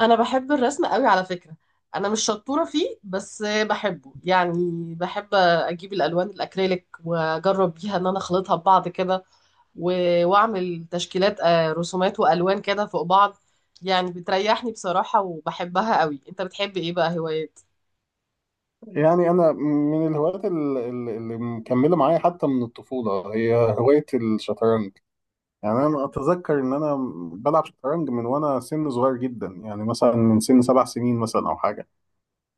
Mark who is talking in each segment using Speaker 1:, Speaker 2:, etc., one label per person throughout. Speaker 1: انا بحب الرسم قوي على فكرة. انا مش شطورة فيه بس بحبه يعني. بحب اجيب الالوان الاكريليك واجرب بيها ان انا اخلطها ببعض كده، و- واعمل تشكيلات رسومات والوان كده فوق بعض. يعني بتريحني بصراحة وبحبها قوي. انت بتحب ايه بقى هوايات؟
Speaker 2: يعني انا من الهوايات اللي مكمله معايا حتى من الطفوله هي هوايه الشطرنج. يعني انا اتذكر ان انا بلعب شطرنج من وانا سن صغير جدا، يعني مثلا من سن 7 سنين مثلا او حاجه.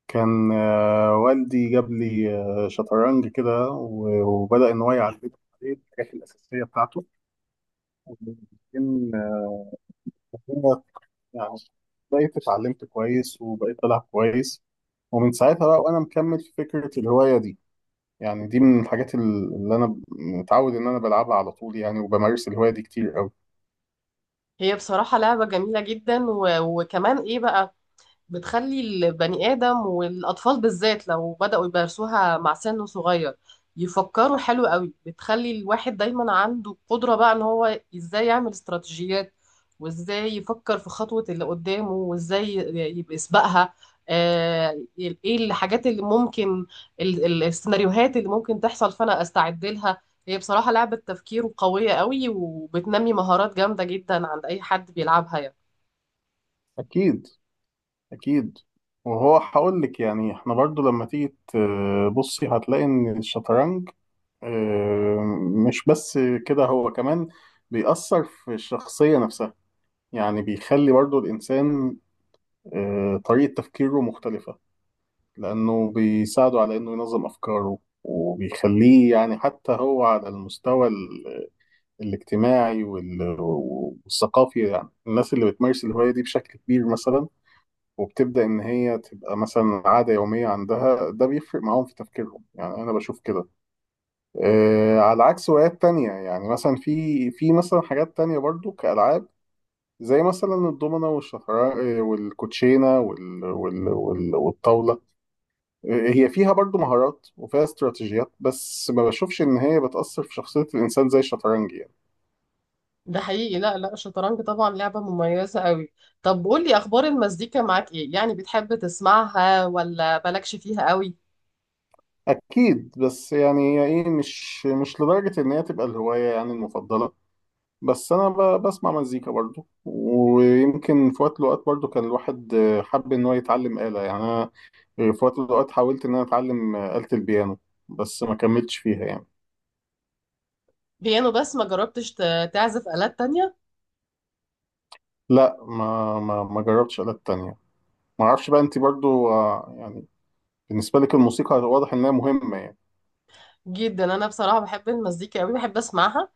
Speaker 2: كان والدي جاب لي شطرنج كده وبدا ان هو يعلمني عليه الحاجات الاساسيه بتاعته. وبعدين آه، هو يعني بقيت اتعلمت كويس وبقيت بلعب كويس. ومن ساعتها بقى وانا مكمل في فكره الهوايه دي. يعني دي من الحاجات اللي انا متعود ان انا بلعبها على طول، يعني وبمارس الهوايه دي كتير قوي.
Speaker 1: هي بصراحة لعبة جميلة جدا، وكمان ايه بقى، بتخلي البني آدم والأطفال بالذات لو بدأوا يمارسوها مع سن صغير يفكروا حلو قوي. بتخلي الواحد دايما عنده قدرة بقى ان هو ازاي يعمل استراتيجيات، وازاي يفكر في خطوة اللي قدامه، وازاي يبقى يسبقها. آه، ايه الحاجات اللي ممكن، السيناريوهات اللي ممكن تحصل فانا استعد لها. هي بصراحة لعبة تفكير قوية قوي وبتنمي مهارات جامدة جدا عند اي حد بيلعبها يعني.
Speaker 2: اكيد اكيد. وهو هقول لك، يعني احنا برضو لما تيجي تبصي هتلاقي ان الشطرنج آه، مش بس كده، هو كمان بيأثر في الشخصيه نفسها. يعني بيخلي برضو الانسان طريقه تفكيره مختلفه، لانه بيساعده على انه ينظم افكاره. وبيخليه يعني حتى هو على المستوى الاجتماعي والثقافي. يعني الناس اللي بتمارس الهواية دي بشكل كبير مثلا، وبتبدأ إن هي تبقى مثلا عادة يومية عندها، ده بيفرق معاهم في تفكيرهم. يعني أنا بشوف كده، آه، على عكس هوايات تانية. يعني مثلا في مثلا حاجات تانية برضو كألعاب زي مثلا الضمنة والشطرنج، والكوتشينة والطاولة. هي فيها برضو مهارات وفيها استراتيجيات، بس ما بشوفش إن هي بتأثر في شخصية الإنسان زي الشطرنج يعني.
Speaker 1: ده حقيقي. لا لا، الشطرنج طبعا لعبة مميزة قوي. طب قولي أخبار المزيكا معاك إيه؟ يعني بتحب تسمعها ولا مالكش فيها قوي؟
Speaker 2: اكيد. بس يعني هي ايه، مش لدرجه ان هي تبقى الهوايه يعني المفضله. بس انا بسمع مزيكا برضو. ويمكن في وقت من الاوقات برضو كان الواحد حب ان هو يتعلم آلة. يعني انا في وقت من الاوقات حاولت ان انا اتعلم آلة البيانو، بس ما كملتش فيها يعني.
Speaker 1: بيانو بس ما جربتش تعزف آلات تانية؟
Speaker 2: لا، ما جربتش آلات تانية. ما اعرفش بقى، انت برضو يعني بالنسبه لك الموسيقى واضح انها مهمه يعني.
Speaker 1: جدا. أنا بصراحة بحب المزيكا قوي، بحب أسمعها.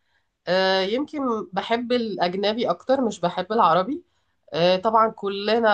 Speaker 1: يمكن بحب الأجنبي أكتر، مش بحب العربي. طبعا كلنا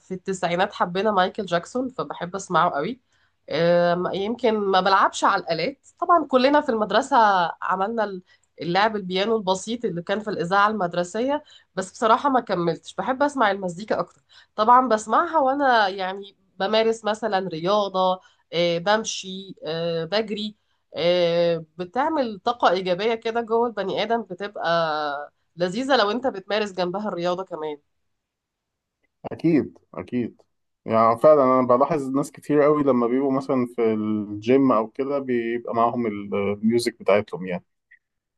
Speaker 1: في التسعينات حبينا مايكل جاكسون، فبحب أسمعه قوي. يمكن ما بلعبش على الآلات. طبعا كلنا في المدرسة عملنا اللعب البيانو البسيط اللي كان في الإذاعة المدرسية. بس بصراحة ما كملتش. بحب أسمع المزيكا أكتر. طبعا بسمعها وأنا يعني بمارس مثلا رياضة، بمشي، بجري. بتعمل طاقة إيجابية كده جوه البني آدم، بتبقى لذيذة لو أنت بتمارس جنبها الرياضة كمان.
Speaker 2: اكيد اكيد. يعني فعلا انا بلاحظ ناس كتير قوي لما بيبقوا مثلا في الجيم او كده بيبقى معاهم الميوزك بتاعتهم يعني.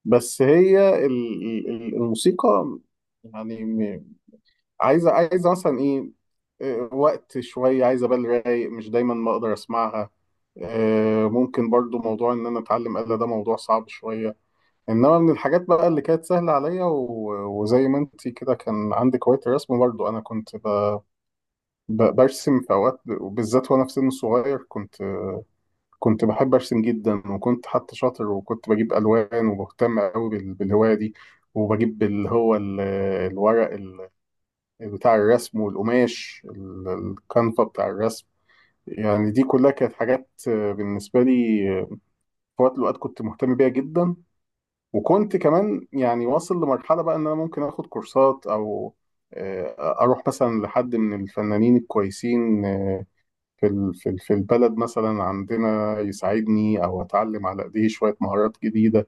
Speaker 2: بس هي الموسيقى يعني عايزه، عايزه مثلا ايه، وقت شويه، عايزه بال رايق، مش دايما ما اقدر اسمعها. ممكن برضو موضوع ان انا اتعلم آلة ده موضوع صعب شويه. انما من الحاجات بقى اللي كانت سهله عليا وزي ما انت كده كان عندك هوايه الرسم، برضو انا كنت برسم في اوقات، وبالذات وانا في سن صغير كنت كنت بحب ارسم جدا. وكنت حتى شاطر، وكنت بجيب الوان وبهتم قوي بالهوايه دي. وبجيب اللي هو الورق بتاع الرسم، والقماش الكنفه بتاع الرسم. يعني دي كلها كانت حاجات بالنسبه لي في وقت من الاوقات كنت مهتم بيها جدا. وكنت كمان يعني واصل لمرحله بقى ان انا ممكن اخد كورسات، او اروح مثلا لحد من الفنانين الكويسين، في في البلد مثلا عندنا، يساعدني او اتعلم على ايديه شويه مهارات جديده.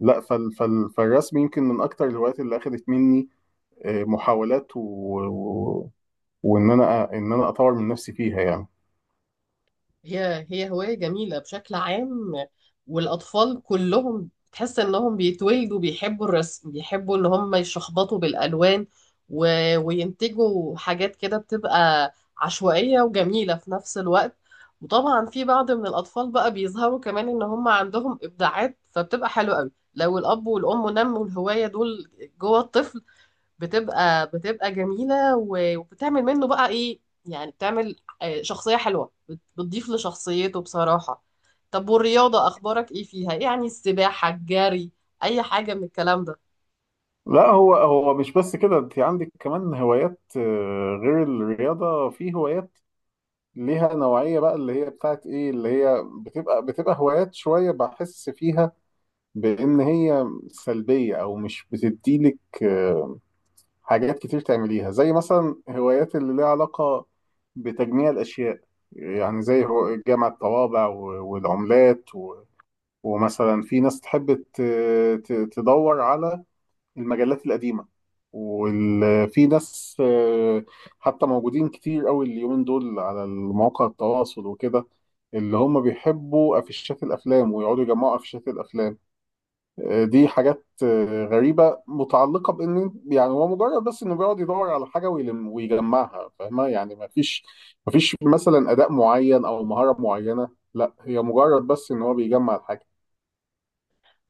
Speaker 2: لا، فالرسم يمكن من اكتر الهوايات اللي اخذت مني محاولات و... وان انا اطور من نفسي فيها يعني.
Speaker 1: هي هواية جميلة بشكل عام، والأطفال كلهم تحس إنهم بيتولدوا بيحبوا الرسم، بيحبوا إن هم يشخبطوا بالألوان، و... وينتجوا حاجات كده بتبقى عشوائية وجميلة في نفس الوقت. وطبعا في بعض من الأطفال بقى بيظهروا كمان إن هم عندهم إبداعات، فبتبقى حلوة قوي لو الأب والأم نموا الهواية دول جوه الطفل. بتبقى جميلة و- وبتعمل منه بقى ايه، يعني بتعمل شخصية حلوة، بتضيف لشخصيته بصراحة. طب والرياضة اخبارك ايه فيها؟ إيه يعني، السباحة، الجري، اي حاجة من الكلام ده؟
Speaker 2: لا، هو مش بس كده، انت عندك كمان هوايات غير الرياضه. في هوايات ليها نوعيه بقى اللي هي بتاعت ايه، اللي هي بتبقى هوايات شويه بحس فيها بان هي سلبيه او مش بتديلك حاجات كتير تعمليها، زي مثلا هوايات اللي ليها علاقة بتجميع الأشياء. يعني زي هو جمع الطوابع والعملات ومثلا في ناس تحب تدور على المجلات القديمة. وفي ناس حتى موجودين كتير قوي اليومين دول على المواقع التواصل وكده، اللي هم بيحبوا أفيشات الأفلام ويقعدوا يجمعوا أفيشات الأفلام. دي حاجات غريبة متعلقة بإن، يعني هو مجرد بس إنه بيقعد يدور على حاجة ويلم ويجمعها، فاهمة يعني ما فيش مثلا أداء معين أو مهارة معينة. لا، هي مجرد بس إن هو بيجمع الحاجة.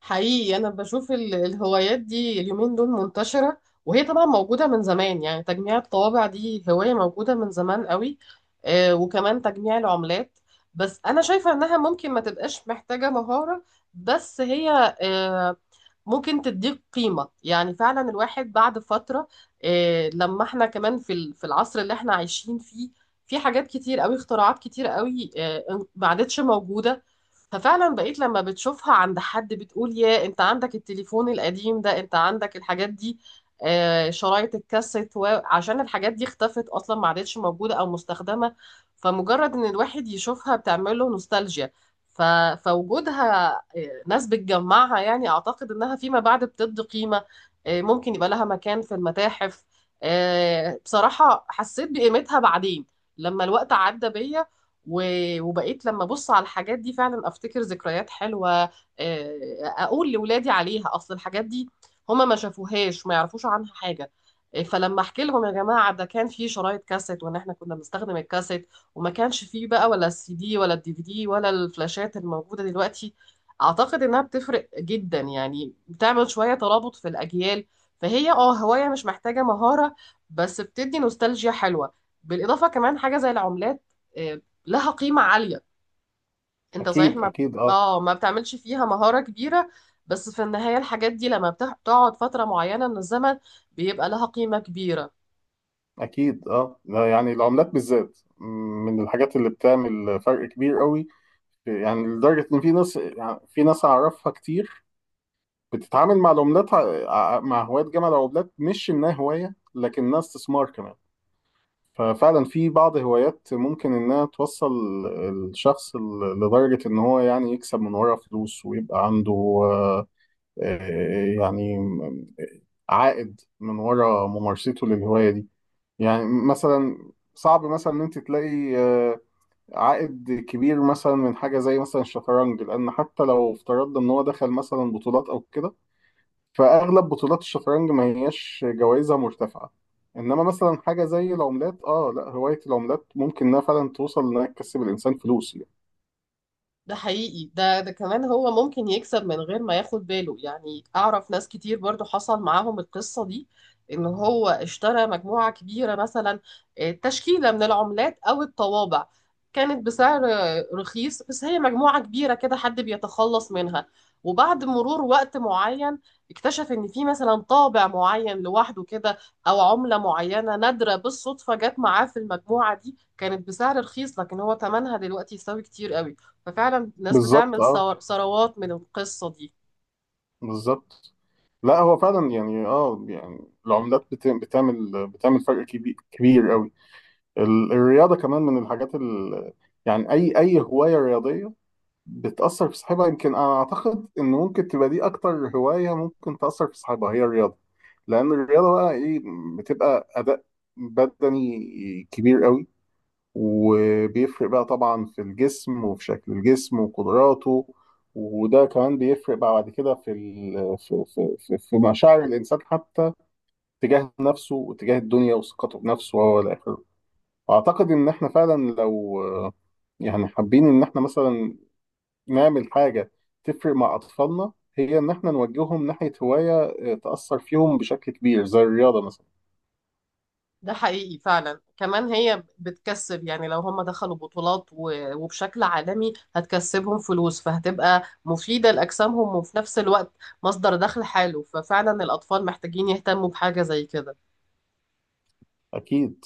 Speaker 1: حقيقي انا بشوف الهوايات دي اليومين دول منتشره، وهي طبعا موجوده من زمان. يعني تجميع الطوابع دي هوايه موجوده من زمان قوي، وكمان تجميع العملات. بس انا شايفه انها ممكن ما تبقاش محتاجه مهاره، بس هي ممكن تديك قيمه. يعني فعلا الواحد بعد فتره، لما احنا كمان في في العصر اللي احنا عايشين فيه، في حاجات كتير قوي، اختراعات كتير قوي ما عادتش موجوده. ففعلا بقيت لما بتشوفها عند حد بتقول يا انت عندك التليفون القديم ده، انت عندك الحاجات دي، شرايط الكاسيت، عشان الحاجات دي اختفت اصلا، ما عادتش موجوده او مستخدمه. فمجرد ان الواحد يشوفها بتعمل له نوستالجيا. ف... فوجودها، ناس بتجمعها، يعني اعتقد انها فيما بعد بتدي قيمه، ممكن يبقى لها مكان في المتاحف. بصراحه حسيت بقيمتها بعدين لما الوقت عدى بيا، و- وبقيت لما ابص على الحاجات دي فعلا افتكر ذكريات حلوه، اقول لاولادي عليها اصل الحاجات دي هما ما شافوهاش ما يعرفوش عنها حاجه. فلما احكي لهم يا جماعه ده كان في شرايط كاسيت وان احنا كنا بنستخدم الكاسيت وما كانش فيه بقى ولا السي دي ولا الدي في دي ولا الفلاشات الموجوده دلوقتي، اعتقد انها بتفرق جدا، يعني بتعمل شويه ترابط في الاجيال. فهي اه هوايه مش محتاجه مهاره بس بتدي نوستالجيا حلوه. بالاضافه كمان حاجه زي العملات، آه، لها قيمة عالية. انت صحيح
Speaker 2: أكيد
Speaker 1: ما بت...
Speaker 2: أكيد، أه.
Speaker 1: اه ما بتعملش فيها مهارة كبيرة، بس في النهاية الحاجات دي لما بتقعد فترة معينة من الزمن بيبقى لها قيمة كبيرة.
Speaker 2: أكيد، أه. لا، يعني العملات بالذات من الحاجات اللي بتعمل فرق كبير قوي. يعني لدرجة إن في ناس، يعني في ناس أعرفها كتير بتتعامل مع العملات، مع هواة جمع العملات، مش إنها هواية لكنها استثمار كمان. ففعلا في بعض هوايات ممكن انها توصل الشخص لدرجة ان هو يعني يكسب من ورا فلوس ويبقى عنده آه، آه، يعني عائد من ورا ممارسته للهواية دي. يعني مثلا صعب مثلا ان انت تلاقي عائد كبير مثلا من حاجة زي مثلا الشطرنج، لان حتى لو افترضنا ان هو دخل مثلا بطولات او كده، فاغلب بطولات الشطرنج ما هياش جوائزها مرتفعه. انما مثلا حاجه زي العملات، اه، لا، هوايه العملات ممكن انها فعلا توصل انها تكسب الانسان فلوس يعني.
Speaker 1: ده حقيقي. ده كمان هو ممكن يكسب من غير ما ياخد باله. يعني اعرف ناس كتير برضو حصل معاهم القصة دي، ان هو اشترى مجموعة كبيرة مثلا، تشكيلة من العملات او الطوابع، كانت بسعر رخيص، بس هي مجموعة كبيرة كده حد بيتخلص منها، وبعد مرور وقت معين اكتشف ان في مثلا طابع معين لوحده كده، او عملة معينة نادرة بالصدفة جت معاه في المجموعة دي كانت بسعر رخيص، لكن هو ثمنها دلوقتي يساوي كتير قوي. ففعلا ناس
Speaker 2: بالظبط،
Speaker 1: بتعمل
Speaker 2: اه،
Speaker 1: ثروات من القصة دي.
Speaker 2: بالظبط. لا، هو فعلا يعني، اه يعني العملات بتعمل فرق كبير، كبير قوي. الرياضه كمان من الحاجات يعني اي هوايه رياضيه بتأثر في صاحبها. يمكن أنا أعتقد إن ممكن تبقى دي أكتر هواية ممكن تأثر في صاحبها هي الرياضة. لأن الرياضة بقى إيه، بتبقى أداء بدني كبير قوي، وبيفرق بقى طبعا في الجسم وفي شكل الجسم وقدراته. وده كمان بيفرق بقى بعد كده في في مشاعر الإنسان حتى تجاه نفسه وتجاه الدنيا وثقته بنفسه وهو الآخر. أعتقد إن إحنا فعلا لو يعني حابين إن إحنا مثلا نعمل حاجة تفرق مع أطفالنا، هي إن إحنا نوجههم ناحية هواية تأثر فيهم بشكل كبير زي الرياضة مثلا.
Speaker 1: ده حقيقي فعلا. كمان هي بتكسب، يعني لو هم دخلوا بطولات وبشكل عالمي هتكسبهم فلوس، فهتبقى مفيدة لأجسامهم وفي نفس الوقت مصدر دخل حلو. ففعلا الأطفال محتاجين يهتموا بحاجة زي كده.
Speaker 2: أكيد.